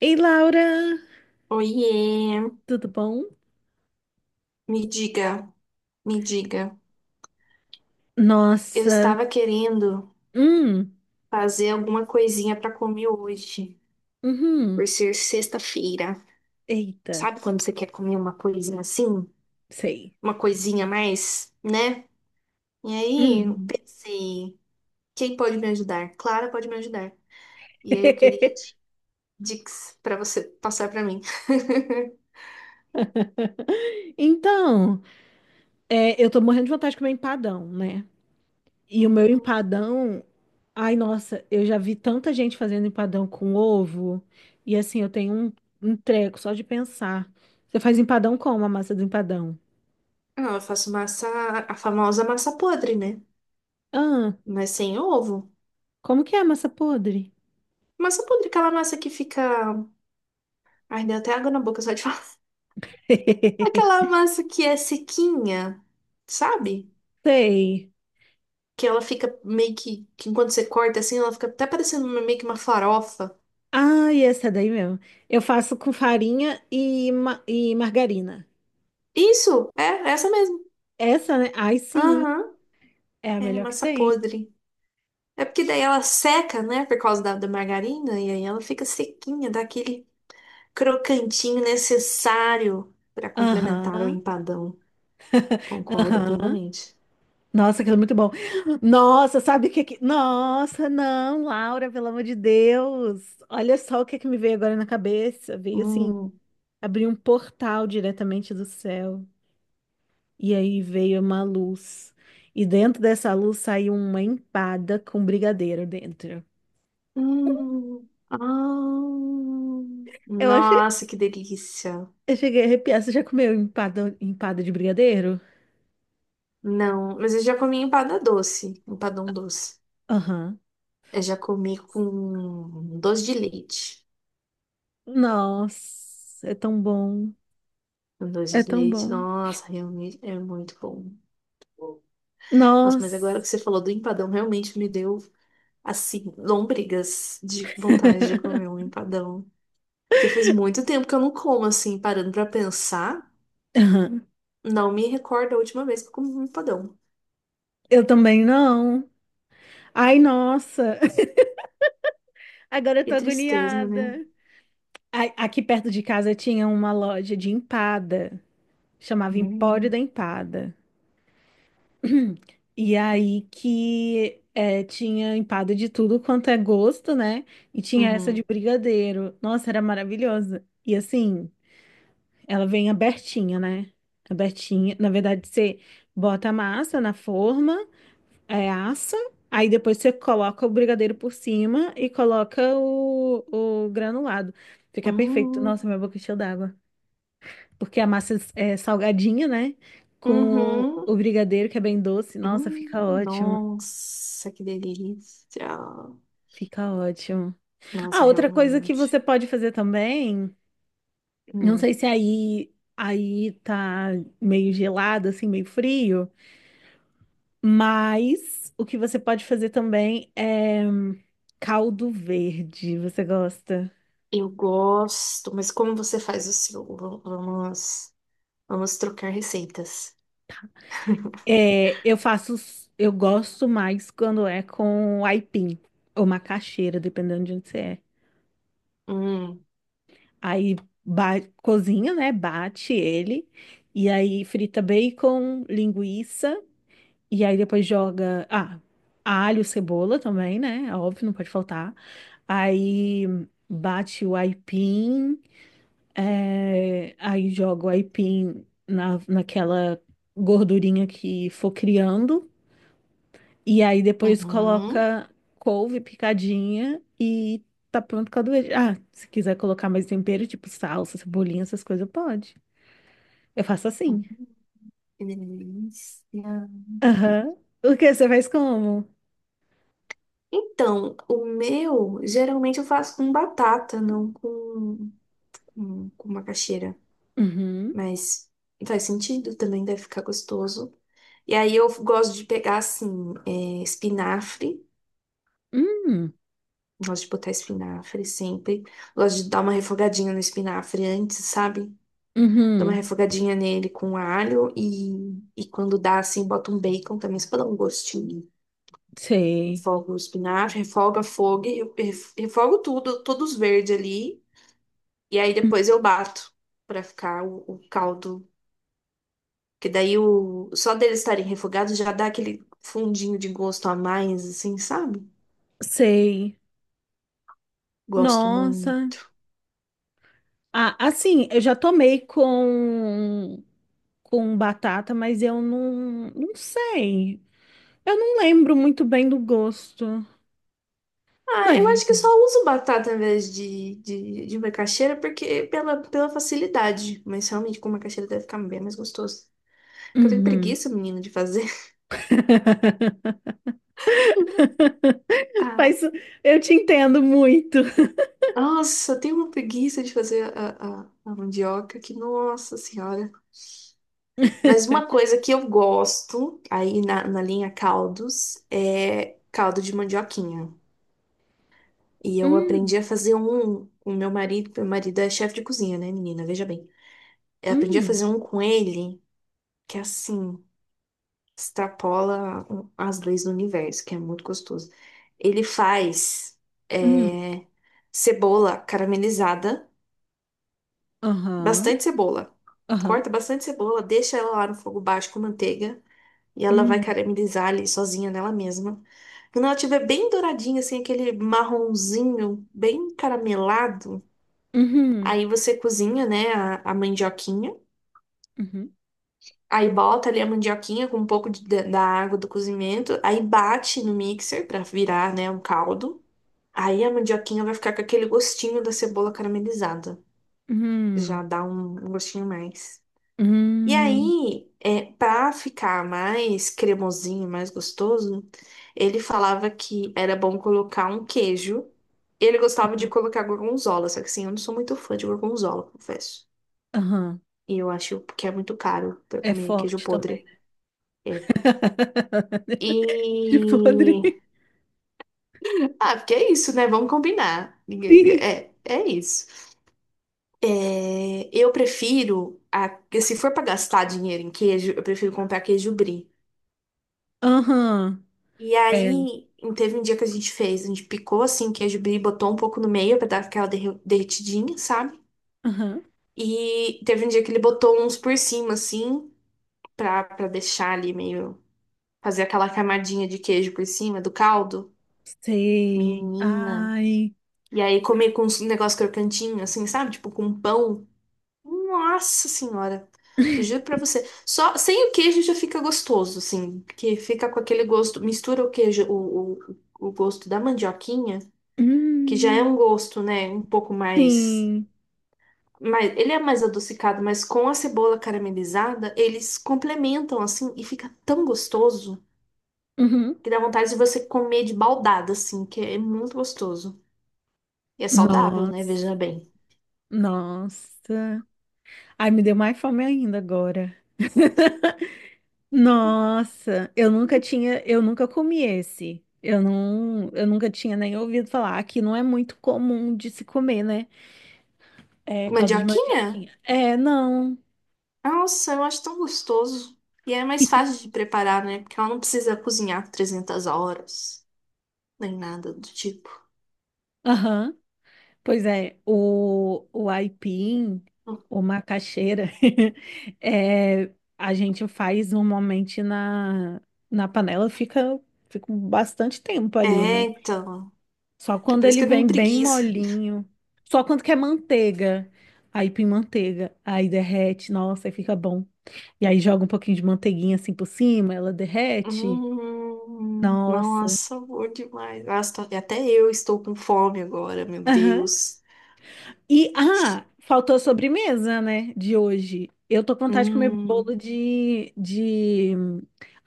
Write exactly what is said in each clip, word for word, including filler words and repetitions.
Ei, Laura, Oiê, tudo bom? me diga, me diga. Eu Nossa, estava querendo hum, fazer alguma coisinha para comer hoje, uhum, por ser sexta-feira. eita, Sabe quando você quer comer uma coisinha assim? sei. Uma coisinha a mais, né? E aí eu Uhum. pensei, quem pode me ajudar? Clara pode me ajudar. E aí eu queria di- dicas para você passar para mim. Então, é, eu tô morrendo de vontade de comer empadão, né? E o meu Hum. empadão, ai, nossa, eu já vi tanta gente fazendo empadão com ovo, e assim, eu tenho um, um treco só de pensar. Você faz empadão como a massa do empadão? Ah, eu faço massa, a famosa massa podre, né? Ah, Mas sem ovo. como que é a massa podre? Massa podre, é aquela massa que fica. Ai, deu até água na boca só de falar. Aquela massa que é sequinha, sabe? Sei. Que ela fica meio que, que enquanto você corta assim, ela fica até parecendo uma- meio que uma farofa. Ah, essa daí mesmo. Eu faço com farinha e, ma- e margarina. Isso, é, é essa mesmo. Essa, né? Ai, sim, Aham, é a é melhor que massa tem. podre. É porque daí ela seca, né, por causa da, da margarina, e aí ela fica sequinha, dá aquele crocantinho necessário para complementar o Aham, empadão. Concordo aham. plenamente. Nossa, aquilo é muito bom. Nossa, sabe o que que... Nossa, não, Laura, pelo amor de Deus. Olha só o que que me veio agora na cabeça. Veio assim, Hum. abrir um portal diretamente do céu. E aí veio uma luz. E dentro dessa luz saiu uma empada com brigadeiro dentro. Hum, ah, Eu achei. nossa, que delícia. Eu cheguei a arrepiar. Você já comeu empada, empada de brigadeiro? Não, mas eu já comi empada doce, empadão doce. Aham. Eu já comi com doce de leite. Nossa, é tão bom. Com doce É de tão leite, bom. nossa, realmente é muito bom. Nossa, mas agora Nossa. que você falou do empadão, realmente me deu, assim, lômbrigas de vontade de comer um empadão. Porque faz muito tempo que eu não como, assim, parando pra pensar. Aham. Não me recordo a última vez que eu comi um empadão. Eu também não. Ai, nossa. Agora eu Que tô tristeza, né? agoniada. Ai, aqui perto de casa tinha uma loja de empada. Chamava Empório Hum. da Empada. E aí que é, tinha empada de tudo quanto é gosto, né? E tinha essa de Uhum. brigadeiro. Nossa, era maravilhosa. E assim. Ela vem abertinha, né? Abertinha. Na verdade, você bota a massa na forma, é, assa, aí depois você coloca o brigadeiro por cima e coloca o, o granulado. Fica perfeito. Hum. Nossa, minha boca encheu d'água. Porque a massa é salgadinha, né? Com o, Uhum. o brigadeiro, que é bem doce. Nossa, fica Hum. ótimo. Nossa, que delícia. Fica ótimo. Ah, Nossa, outra coisa que você realmente. pode fazer também, não Hum. sei se aí, aí tá meio gelado, assim, meio frio. Mas o que você pode fazer também é hum, caldo verde. Você gosta? Eu gosto, mas como você faz o seu? V- Vamos, vamos trocar receitas. É, eu faço, s- eu gosto mais quando é com aipim ou macaxeira, dependendo de onde você é. Hum. Aí ba- cozinha, né? Bate ele e aí frita bacon, linguiça e aí depois joga, ah, alho, cebola também, né? Óbvio, não pode faltar. Aí bate o aipim. É, aí jogo aipim na, naquela gordurinha que for criando. E aí depois Uhum. coloca couve picadinha e tá pronto com a doença. Ah, se quiser colocar mais tempero, tipo salsa, cebolinha, essas coisas, pode. Eu faço assim. Que delícia. Aham. O que você faz como? Então, o meu, geralmente eu faço com batata, não com, com, com macaxeira. Uhum. Mas faz sentido também, deve ficar gostoso. E aí eu gosto de pegar, assim, é, espinafre. Hum. Gosto de botar espinafre sempre. Gosto de dar uma refogadinha no espinafre antes, sabe? Dá uma Uhum. refogadinha nele com alho e, e quando dá, assim, bota um bacon também, só pra dar um gostinho. Sei. Refogo o espinafre, refoga fogo, refogo tudo, todos verdes ali. E aí Hum. depois eu bato pra ficar o, o caldo. Que daí o, só deles estarem refogados já dá aquele fundinho de gosto a mais, assim, sabe? Sei. Gosto Nossa. muito. Ah, assim, eu já tomei com com batata, mas eu não, não sei. Eu não lembro muito bem do gosto. Ah, eu Deve. acho que só uso batata em vez de, de, de macaxeira porque pela, pela facilidade. Mas realmente com macaxeira deve ficar bem mais gostoso. Porque eu tenho Uhum. preguiça, menina, de fazer. Ah, Mas eu te entendo muito. nossa, eu tenho uma preguiça de fazer a, a, a mandioca que, nossa senhora. Mas uma coisa que eu gosto aí na, na linha caldos é caldo de mandioquinha. E eu Hum, aprendi a fazer um com meu marido. Meu marido é chefe de cozinha, né, menina? Veja bem. Eu aprendi a hum, fazer um com ele que é assim, extrapola um, as leis do universo, que é muito gostoso. Ele faz hum. é, cebola caramelizada, Aham, bastante cebola. aham. Corta bastante cebola, deixa ela lá no fogo baixo com manteiga e ela vai Hum, caramelizar ali sozinha nela mesma. Quando ela estiver bem douradinha, assim, aquele marronzinho bem caramelado, uhum, aí você cozinha, né, a, a mandioquinha. uhum, Aí bota ali a mandioquinha com um pouco de- da da água do cozimento, aí bate no mixer pra virar, né, um caldo. Aí a mandioquinha vai ficar com aquele gostinho da cebola caramelizada. uhum, Já dá um, um gostinho a mais. E uhum, aí, é, para ficar mais cremosinho, mais gostoso, ele falava que era bom colocar um queijo. Ele gostava de colocar gorgonzola, só que assim, eu não sou muito fã de gorgonzola, confesso. aham. E eu acho que é muito caro pra É comer queijo forte também. podre. Né? É, De E. podre. Ah, porque é isso, né? Vamos combinar. Ninguém- Sim. É, é isso. É, eu prefiro, a- se for para gastar dinheiro em queijo, eu prefiro comprar queijo brie. Aham. E É. aí, teve um dia que a gente fez, a gente picou assim queijo brie, botou um pouco no meio para dar aquela derre- derretidinha, sabe? Aham. E teve um dia que ele botou uns por cima, assim, pra, pra deixar ali meio, fazer aquela camadinha de queijo por cima do caldo. Sei. Menina. Ai. E aí comer com um negócio crocantinho, assim, sabe? Tipo com pão. Nossa senhora. Eu juro pra você. Só sem o queijo já fica gostoso, assim. Porque fica com aquele gosto. Mistura o queijo, o, o, o gosto da mandioquinha, que já é Hum, um gosto, né? Um pouco mais. sim. Mas ele é mais adocicado, mas com a cebola caramelizada, eles complementam assim e fica tão gostoso Uhum. que dá vontade de você comer de baldada, assim, que é muito gostoso. E é saudável, né? Nossa. Veja bem. Nossa. Ai, me deu mais fome ainda agora. Nossa, eu nunca tinha, eu nunca comi esse. Eu não, eu nunca tinha nem ouvido falar. Aqui não é muito comum de se comer, né? É caldo de Mandioquinha? mandioquinha. É, não. Nossa, eu acho tão gostoso. E é mais fácil de preparar, né? Porque ela não precisa cozinhar por trezentas horas, nem nada do tipo. Aham. Pois é, o, o aipim, o macaxeira, é, a gente faz normalmente na, na panela, fica, fica um bastante tempo ali, É, né? então. Só É quando por isso ele que eu tenho vem bem preguiça. molinho, só quando quer manteiga, aipim manteiga, aí derrete, nossa, aí fica bom. E aí joga um pouquinho de manteiguinha assim por cima, ela derrete, Hum, nossa. nossa, bom demais. Nossa, tô- até eu estou com fome agora, meu Deus. E, ah, faltou a sobremesa, né, de hoje. Eu tô com vontade de comer bolo Hum, de, de...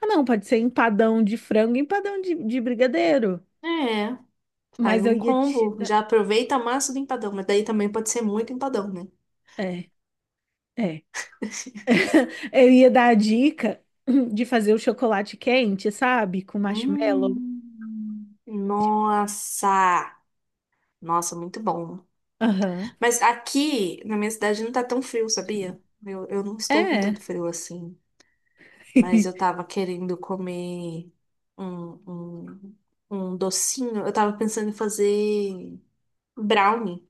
Ah, não, pode ser empadão de frango, e empadão de, de brigadeiro. é, faz Mas eu um ia te combo. dar... Já aproveita a massa do empadão, mas daí também pode ser muito empadão, né? É, é. Eu ia dar a dica de fazer o chocolate quente, sabe? Com marshmallow. Hum, nossa, nossa, muito bom. Aham. Mas aqui, na minha cidade, não tá tão frio, sabia? Eu, eu não estou com É. tanto frio assim. Mas eu tava querendo comer um, um, um docinho. Eu tava pensando em fazer brownie.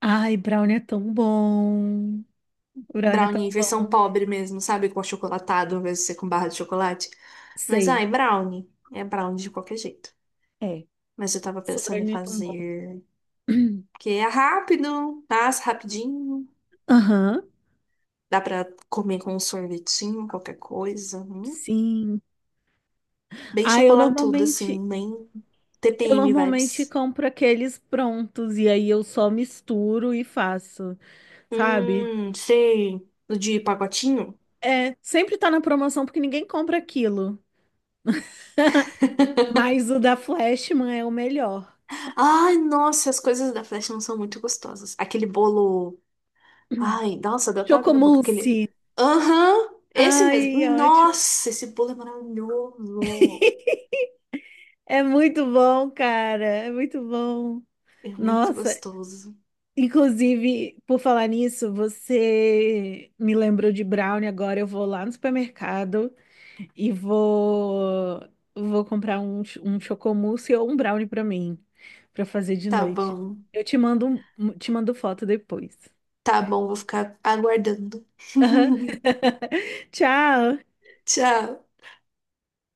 Ai, brownie é tão bom. Brownie é Brownie, tão versão bom. pobre mesmo, sabe? Com achocolatado, ao invés de ser com barra de chocolate. Mas, Sei. ai, brownie. É brownie de qualquer jeito. É. Mas eu tava Esse pensando em brownie é tão bom. fazer... Porque é rápido, passa rapidinho. Aham. Dá pra comer com um sorvetinho, qualquer coisa. Hum. Sim. Bem Ah, eu chocolatudo, normalmente, assim, bem eu T P M normalmente vibes. compro aqueles prontos e aí eu só misturo e faço, sabe? Hum, sei. O de pacotinho? É, sempre tá na promoção porque ninguém compra aquilo. Mas o da Flashman é o melhor. Ai, nossa, as coisas da Flash não são muito gostosas. Aquele bolo. Ai, nossa, deu até água na boca. Aquele. Chocomousse. Aham, esse mesmo. Ai, ótimo. Nossa, esse bolo é maravilhoso. É muito bom, cara. É muito bom. É muito Nossa, gostoso. inclusive, por falar nisso, você me lembrou de brownie agora. Eu vou lá no supermercado. E vou vou comprar um, ch- um chocomousse ou um brownie pra mim, pra fazer de Tá noite. bom, Eu te mando um- te mando foto depois. tá bom, vou ficar aguardando. Aham. Tchau. Tchau.